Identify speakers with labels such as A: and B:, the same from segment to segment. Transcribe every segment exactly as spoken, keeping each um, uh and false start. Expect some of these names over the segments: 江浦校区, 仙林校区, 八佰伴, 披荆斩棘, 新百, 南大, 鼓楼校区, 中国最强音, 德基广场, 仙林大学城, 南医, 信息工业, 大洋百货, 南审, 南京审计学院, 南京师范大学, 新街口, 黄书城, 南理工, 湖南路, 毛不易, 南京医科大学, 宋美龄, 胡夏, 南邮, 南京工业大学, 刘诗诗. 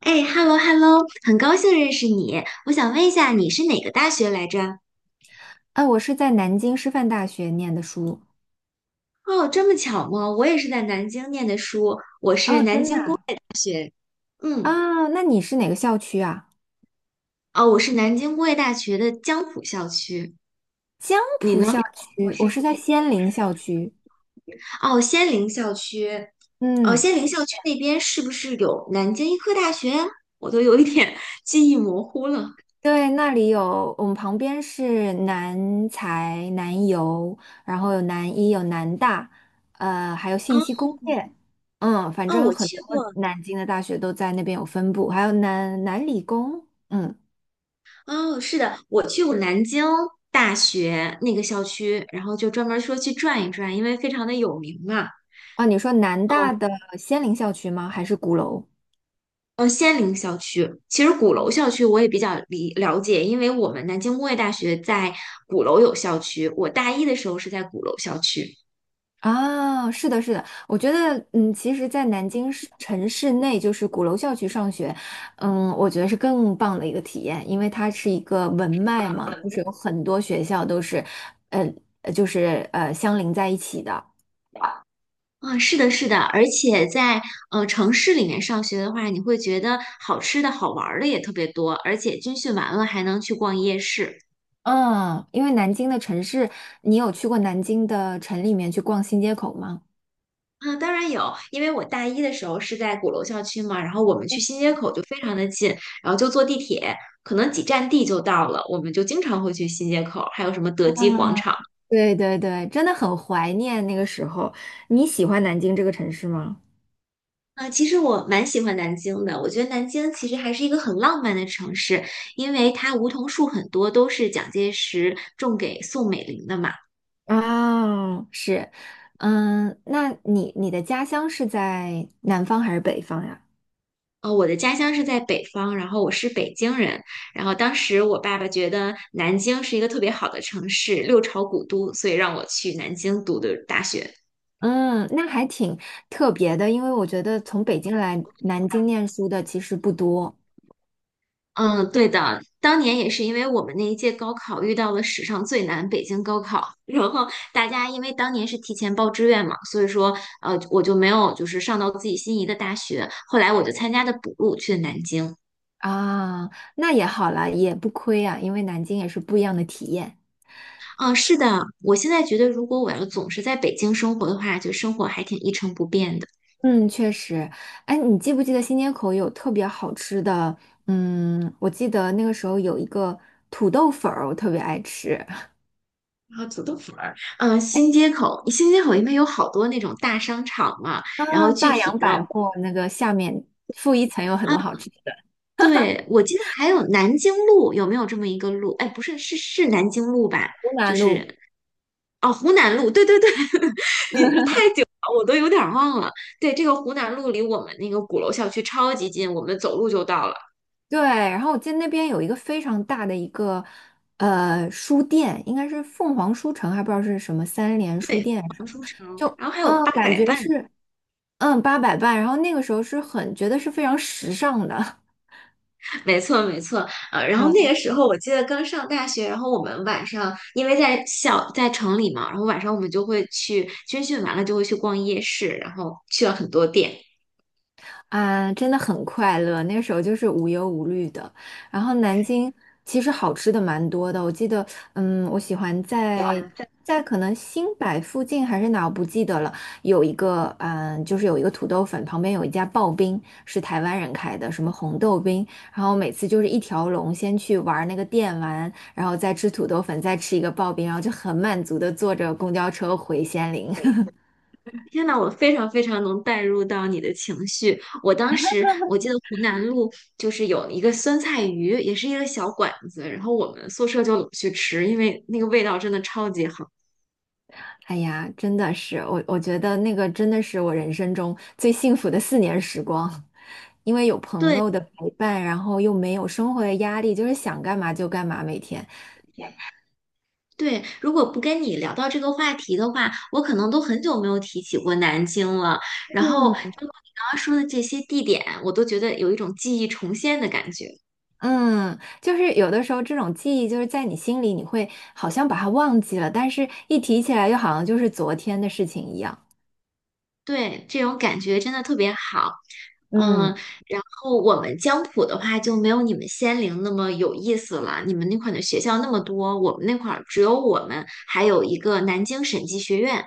A: 哎，hello hello，很高兴认识你。我想问一下，你是哪个大学来着？
B: 啊，我是在南京师范大学念的书。
A: 哦，这么巧吗？我也是在南京念的书，我是
B: 哦，
A: 南
B: 真的
A: 京
B: 啊？
A: 学，嗯，
B: 啊那你是哪个校区啊？
A: 哦，我是南京工业大学的江浦校区。
B: 江
A: 你
B: 浦
A: 呢？
B: 校区，我是在仙林校区。
A: 哦，仙林校区，哦，
B: 嗯，
A: 仙林校区那边是不是有南京医科大学啊？我都有一点 记忆模糊了。
B: 对，那里有我们旁边是南财、南邮，然后有南医、有南大，呃，还有
A: 啊，
B: 信息工业。嗯，反
A: 哦，
B: 正
A: 我
B: 很
A: 去
B: 多
A: 过。
B: 南京的大学都在那边有分布，还有南南理工。嗯，
A: 哦，是的，我去过南京大学那个校区，然后就专门说去转一转，因为非常的有名嘛。
B: 啊，你说南
A: 嗯
B: 大的仙林校区吗？还是鼓楼？
A: 嗯，仙林校区，其实鼓楼校区我也比较理了解，因为我们南京工业大学在鼓楼有校区，我大一的时候是在鼓楼校区。
B: 啊，是的，是的，我觉得，嗯，其实，在南京市城市内，就是鼓楼校区上学，嗯，我觉得是更棒的一个体验，因为它是一个文脉嘛，就是有很多学校都是，呃，呃就是呃相邻在一起的。
A: 啊，是的，是的，而且在呃城市里面上学的话，你会觉得好吃的好玩儿的也特别多，而且军训完了还能去逛夜市。
B: 嗯，因为南京的城市，你有去过南京的城里面去逛新街口吗？
A: 啊，当然有，因为我大一的时候是在鼓楼校区嘛，然后我们去新街口就非常的近，然后就坐地铁，可能几站地就到了，我们就经常会去新街口，还有什么德基广场。
B: 对对对，真的很怀念那个时候。你喜欢南京这个城市吗？
A: 啊，其实我蛮喜欢南京的，我觉得南京其实还是一个很浪漫的城市，因为它梧桐树很多都是蒋介石种给宋美龄的嘛。
B: 哦，是，嗯，那你你的家乡是在南方还是北方呀？
A: 呃，我的家乡是在北方，然后我是北京人，然后当时我爸爸觉得南京是一个特别好的城市，六朝古都，所以让我去南京读的大学。
B: 嗯，那还挺特别的，因为我觉得从北京来南京念书的其实不多。
A: 嗯，对的，当年也是因为我们那一届高考遇到了史上最难北京高考，然后大家因为当年是提前报志愿嘛，所以说呃我就没有就是上到自己心仪的大学，后来我就参加的补录去了南京。
B: 啊，那也好啦，也不亏啊，因为南京也是不一样的体验。
A: 嗯，是的，我现在觉得如果我要总是在北京生活的话，就生活还挺一成不变的。
B: 嗯，确实，哎，你记不记得新街口有特别好吃的？嗯，我记得那个时候有一个土豆粉儿，我特别爱吃。
A: 啊，土豆粉儿，嗯，新街口，新街口因为有好多那种大商场嘛，然后
B: 啊，
A: 具
B: 大
A: 体
B: 洋
A: 的，
B: 百货那个下面负一层有很多好吃。
A: 对，我记得还有南京路，有没有这么一个路？哎，不是，是是南京路吧？
B: 湖
A: 就
B: 南路，
A: 是哦，湖南路，对对对，你这太久了，我都有点儿忘了。对，这个湖南路离我们那个鼓楼校区超级近，我们走路就到了。
B: 对，然后我记得那边有一个非常大的一个呃书店，应该是凤凰书城，还不知道是什么三联书店什
A: 黄书
B: 么。
A: 城，
B: 就
A: 然后还有
B: 嗯，
A: 八
B: 感
A: 佰
B: 觉
A: 伴。
B: 是嗯八佰伴，然后那个时候是很觉得是非常时尚的。
A: 没错，没错，呃，然后那个 时候我记得刚上大学，然后我们晚上因为在校在城里嘛，然后晚上我们就会去军训完了就会去逛夜市，然后去了很多店。
B: 啊，真的很快乐。那时候就是无忧无虑的。然后南京其实好吃的蛮多的，我记得，嗯，我喜欢在在可能新百附近还是哪，我不记得了。有一个，嗯，就是有一个土豆粉，旁边有一家刨冰，是台湾人开的，什么红豆冰。然后每次就是一条龙，先去玩那个电玩，然后再吃土豆粉，再吃一个刨冰，然后就很满足的坐着公交车回仙林。
A: 天呐，我非常非常能带入到你的情绪。我当时我记得湖南路就是有一个酸菜鱼，也是一个小馆子，然后我们宿舍就老去吃，因为那个味道真的超级好。
B: 哎呀，真的是我，我觉得那个真的是我人生中最幸福的四年时光，因为有朋
A: 对。
B: 友的陪伴，然后又没有生活的压力，就是想干嘛就干嘛，每天。
A: 对，如果不跟你聊到这个话题的话，我可能都很久没有提起过南京了。然后，如果
B: 嗯。
A: 你刚刚说的这些地点，我都觉得有一种记忆重现的感觉。
B: 嗯，就是有的时候这种记忆就是在你心里，你会好像把它忘记了，但是一提起来又好像就是昨天的事情一样。
A: 对，这种感觉真的特别好。嗯，
B: 嗯。
A: 然后我们江浦的话就没有你们仙林那么有意思了。你们那块儿的学校那么多，我们那块儿只有我们，还有一个南京审计学院。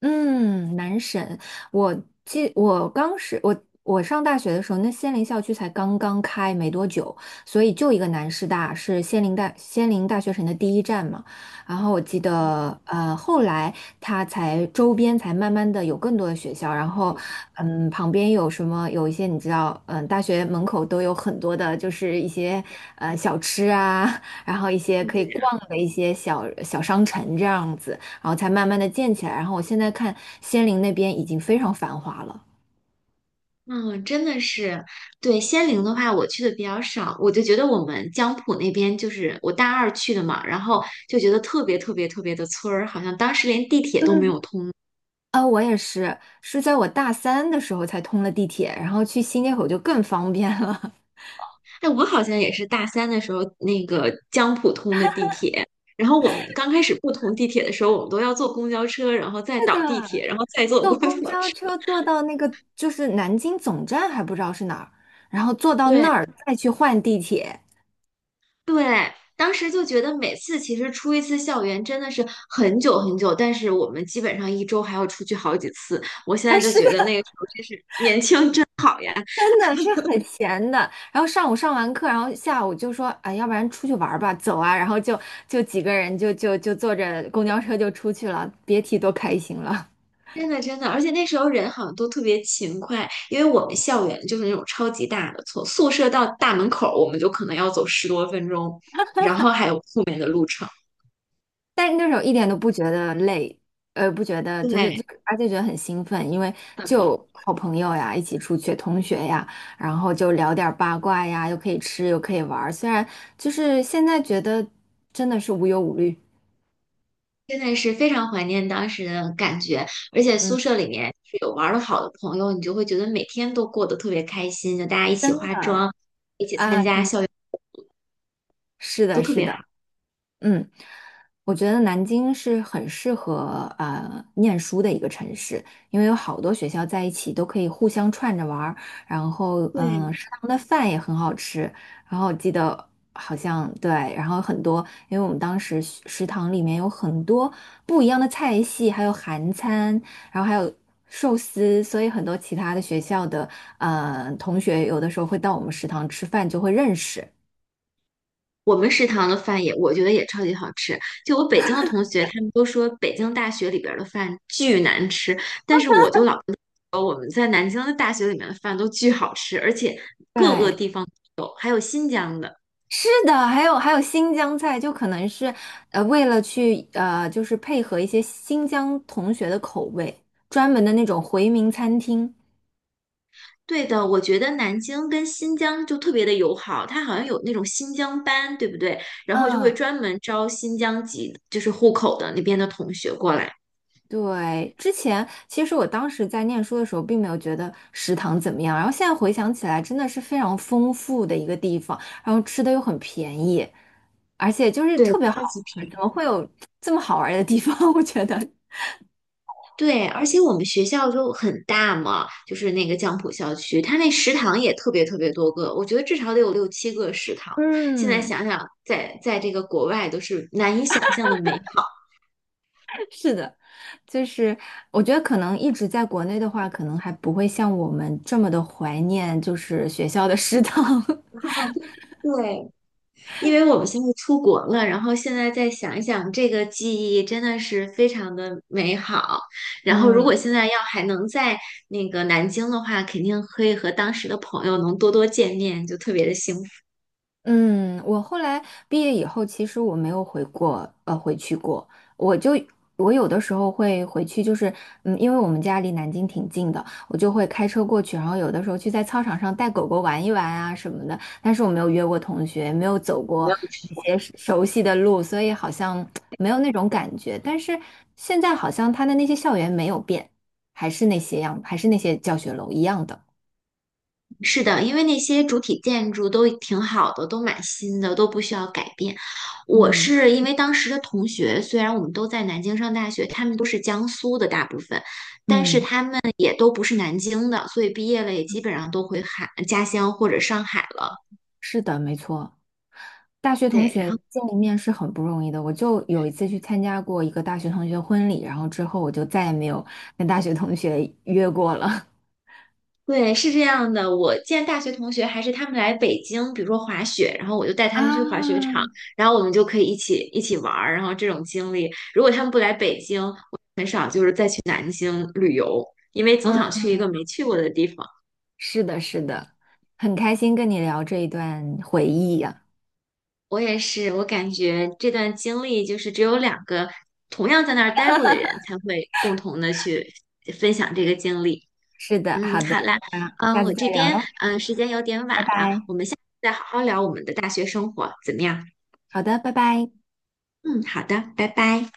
B: 嗯，南审。我记，我刚是，我我上大学的时候，那仙林校区才刚刚开没多久，所以就一个南师大是仙林大仙林大学城的第一站嘛。然后我记得，呃，后来它才周边才慢慢的有更多的学校，然后嗯，旁边有什么有一些你知道，嗯，大学门口都有很多的，就是一些呃小吃啊，然后一些可以逛的一些小小商城这样子。然后才慢慢的建起来。然后我现在看仙林那边已经非常繁华了。
A: 嗯，真的是，对仙陵的话，我去的比较少，我就觉得我们江浦那边就是我大二去的嘛，然后就觉得特别特别特别的村儿，好像当时连地铁都没有通。
B: 啊，我也是，是在我大三的时候才通了地铁，然后去新街口就更方便了。
A: 哎，我好像也是大三的时候那个江浦通的地铁，然后我们刚开始不通地铁的时候，我们都要坐公交车，然后 再
B: 是
A: 倒地
B: 的，
A: 铁，然后再坐
B: 坐
A: 公交车。
B: 公交车 坐到那个就是南京总站还不知道是哪儿，然后坐到
A: 对。
B: 那儿再去换地铁。
A: 对，当时就觉得每次其实出一次校园真的是很久很久，但是我们基本上一周还要出去好几次。我现
B: 啊，
A: 在就
B: 是
A: 觉
B: 的，
A: 得那个时候真是年轻真好呀，
B: 真的是很闲的。然后上午上完课，然后下午就说，哎，要不然出去玩儿吧，走啊。然后就就几个人就就就坐着公交车就出去了，别提多开心了。
A: 真的真的，而且那时候人好像都特别勤快，因为我们校园就是那种超级大的，从宿舍到大门口我们就可能要走十多分钟，然后还有后面的路程。
B: 但是那时候一点都不觉得累，呃，不觉得就是
A: 对，
B: 就，而且觉得很兴奋，因为就好朋友呀，一起出去，同学呀，然后就聊点儿八卦呀，又可以吃又可以玩儿，虽然就是现在觉得真的是无忧无虑，
A: 真的是非常怀念当时的感觉，而且
B: 嗯，
A: 宿舍里面是有玩的好的朋友，你就会觉得每天都过得特别开心，就大家一起
B: 真
A: 化
B: 的。
A: 妆，一起参
B: 啊，
A: 加
B: 真的
A: 校园，
B: 是
A: 都
B: 的，
A: 特
B: 是
A: 别
B: 的。
A: 好。
B: 嗯，我觉得南京是很适合呃念书的一个城市，因为有好多学校在一起都可以互相串着玩儿，然后嗯，
A: 对，
B: 呃食堂的饭也很好吃。然后我记得好像对，然后很多，因为我们当时食食堂里面有很多不一样的菜系，还有韩餐，然后还有寿司，所以很多其他的学校的呃同学有的时候会到我们食堂吃饭，就会认识。
A: 我们食堂的饭也，我觉得也超级好吃。就我北京的同学，他们都说北京大学里边儿的饭巨难吃，但是我就老我们在南京的大学里面的饭都巨好吃，而且
B: 对，是的，还有还有新疆菜，就可能是呃为了去呃就是配合一些新疆同学的口味，专门的那种回民餐厅。
A: 对的，我觉得南京跟新疆就特别的友好，它好像有那种新疆班，对不对？然后就会
B: 嗯。
A: 专门招新疆籍，就是户口的那边的同学过来。
B: 对，之前其实我当时在念书的时候，并没有觉得食堂怎么样，然后现在回想起来，真的是非常丰富的一个地方，然后吃的又很便宜，而且就是
A: 对，
B: 特别
A: 超级
B: 好玩
A: 便
B: 儿。
A: 宜。
B: 怎么会有这么好玩儿的地方？我觉得。
A: 对，而且我们学校就很大嘛，就是那个江浦校区，它那食堂也特别特别多个，我觉得至少得有六七个食堂。现在
B: 嗯，
A: 想想，在在这个国外都是难以想象的美好。
B: 是的，就是我觉得可能一直在国内的话，可能还不会像我们这么的怀念，就是学校的食堂。
A: 对，因为我们现在出国了，然后现在再想一想，这个记忆真的是非常的美好。然后，如
B: 嗯。
A: 果现在要还能在那个南京的话，肯定可以和当时的朋友能多多见面，就特别的幸福。
B: 嗯，我后来毕业以后，其实我没有回过，呃，回去过。我就我有的时候会回去，就是嗯，因为我们家离南京挺近的，我就会开车过去，然后有的时候去在操场上带狗狗玩一玩啊什么的。但是我没有约过同学，没有走过那些熟熟悉的路，所以好像没有那种感觉。但是现在好像他的那些校园没有变，还是那些样，还是那些教学楼一样的。
A: 是的，因为那些主体建筑都挺好的，都蛮新的，都不需要改变。我
B: 嗯。
A: 是因为当时的同学，虽然我们都在南京上大学，他们都是江苏的，大部分
B: 嗯。
A: 也都不是南京的，所以毕业了也基本上都回海家乡或者上海了。
B: 是的，没错。大学同
A: 对，然
B: 学
A: 后。
B: 见一面是很不容易的。我就有一次去参加过一个大学同学婚礼，然后之后我就再也没有跟大学同学约过了。
A: 对，是这样的。我见大学同学还是他们来北京，比如说滑雪，然后我就带他们去滑雪
B: 啊，
A: 场，然后我们就可以一起一起玩儿。然后这种经历，如果他们不来北京，嗯，旅游，因为总
B: 嗯，
A: 想去一个没去过的地方。
B: 是的，是的，很开心跟你聊这一段回忆呀、
A: 我也是，我感觉这段经历就是只有两个同样在那儿待过的人才会共同的去分享这个经历。
B: 是的，
A: 嗯，
B: 好的，
A: 好啦，
B: 那
A: 嗯，
B: 下次
A: 我
B: 再
A: 这
B: 聊
A: 边
B: 喽，
A: 嗯时间有点晚
B: 拜
A: 了，
B: 拜。
A: 我们下次再好好聊我们的大学生活，怎么样？
B: 好的，拜拜。
A: 嗯，好的，拜拜。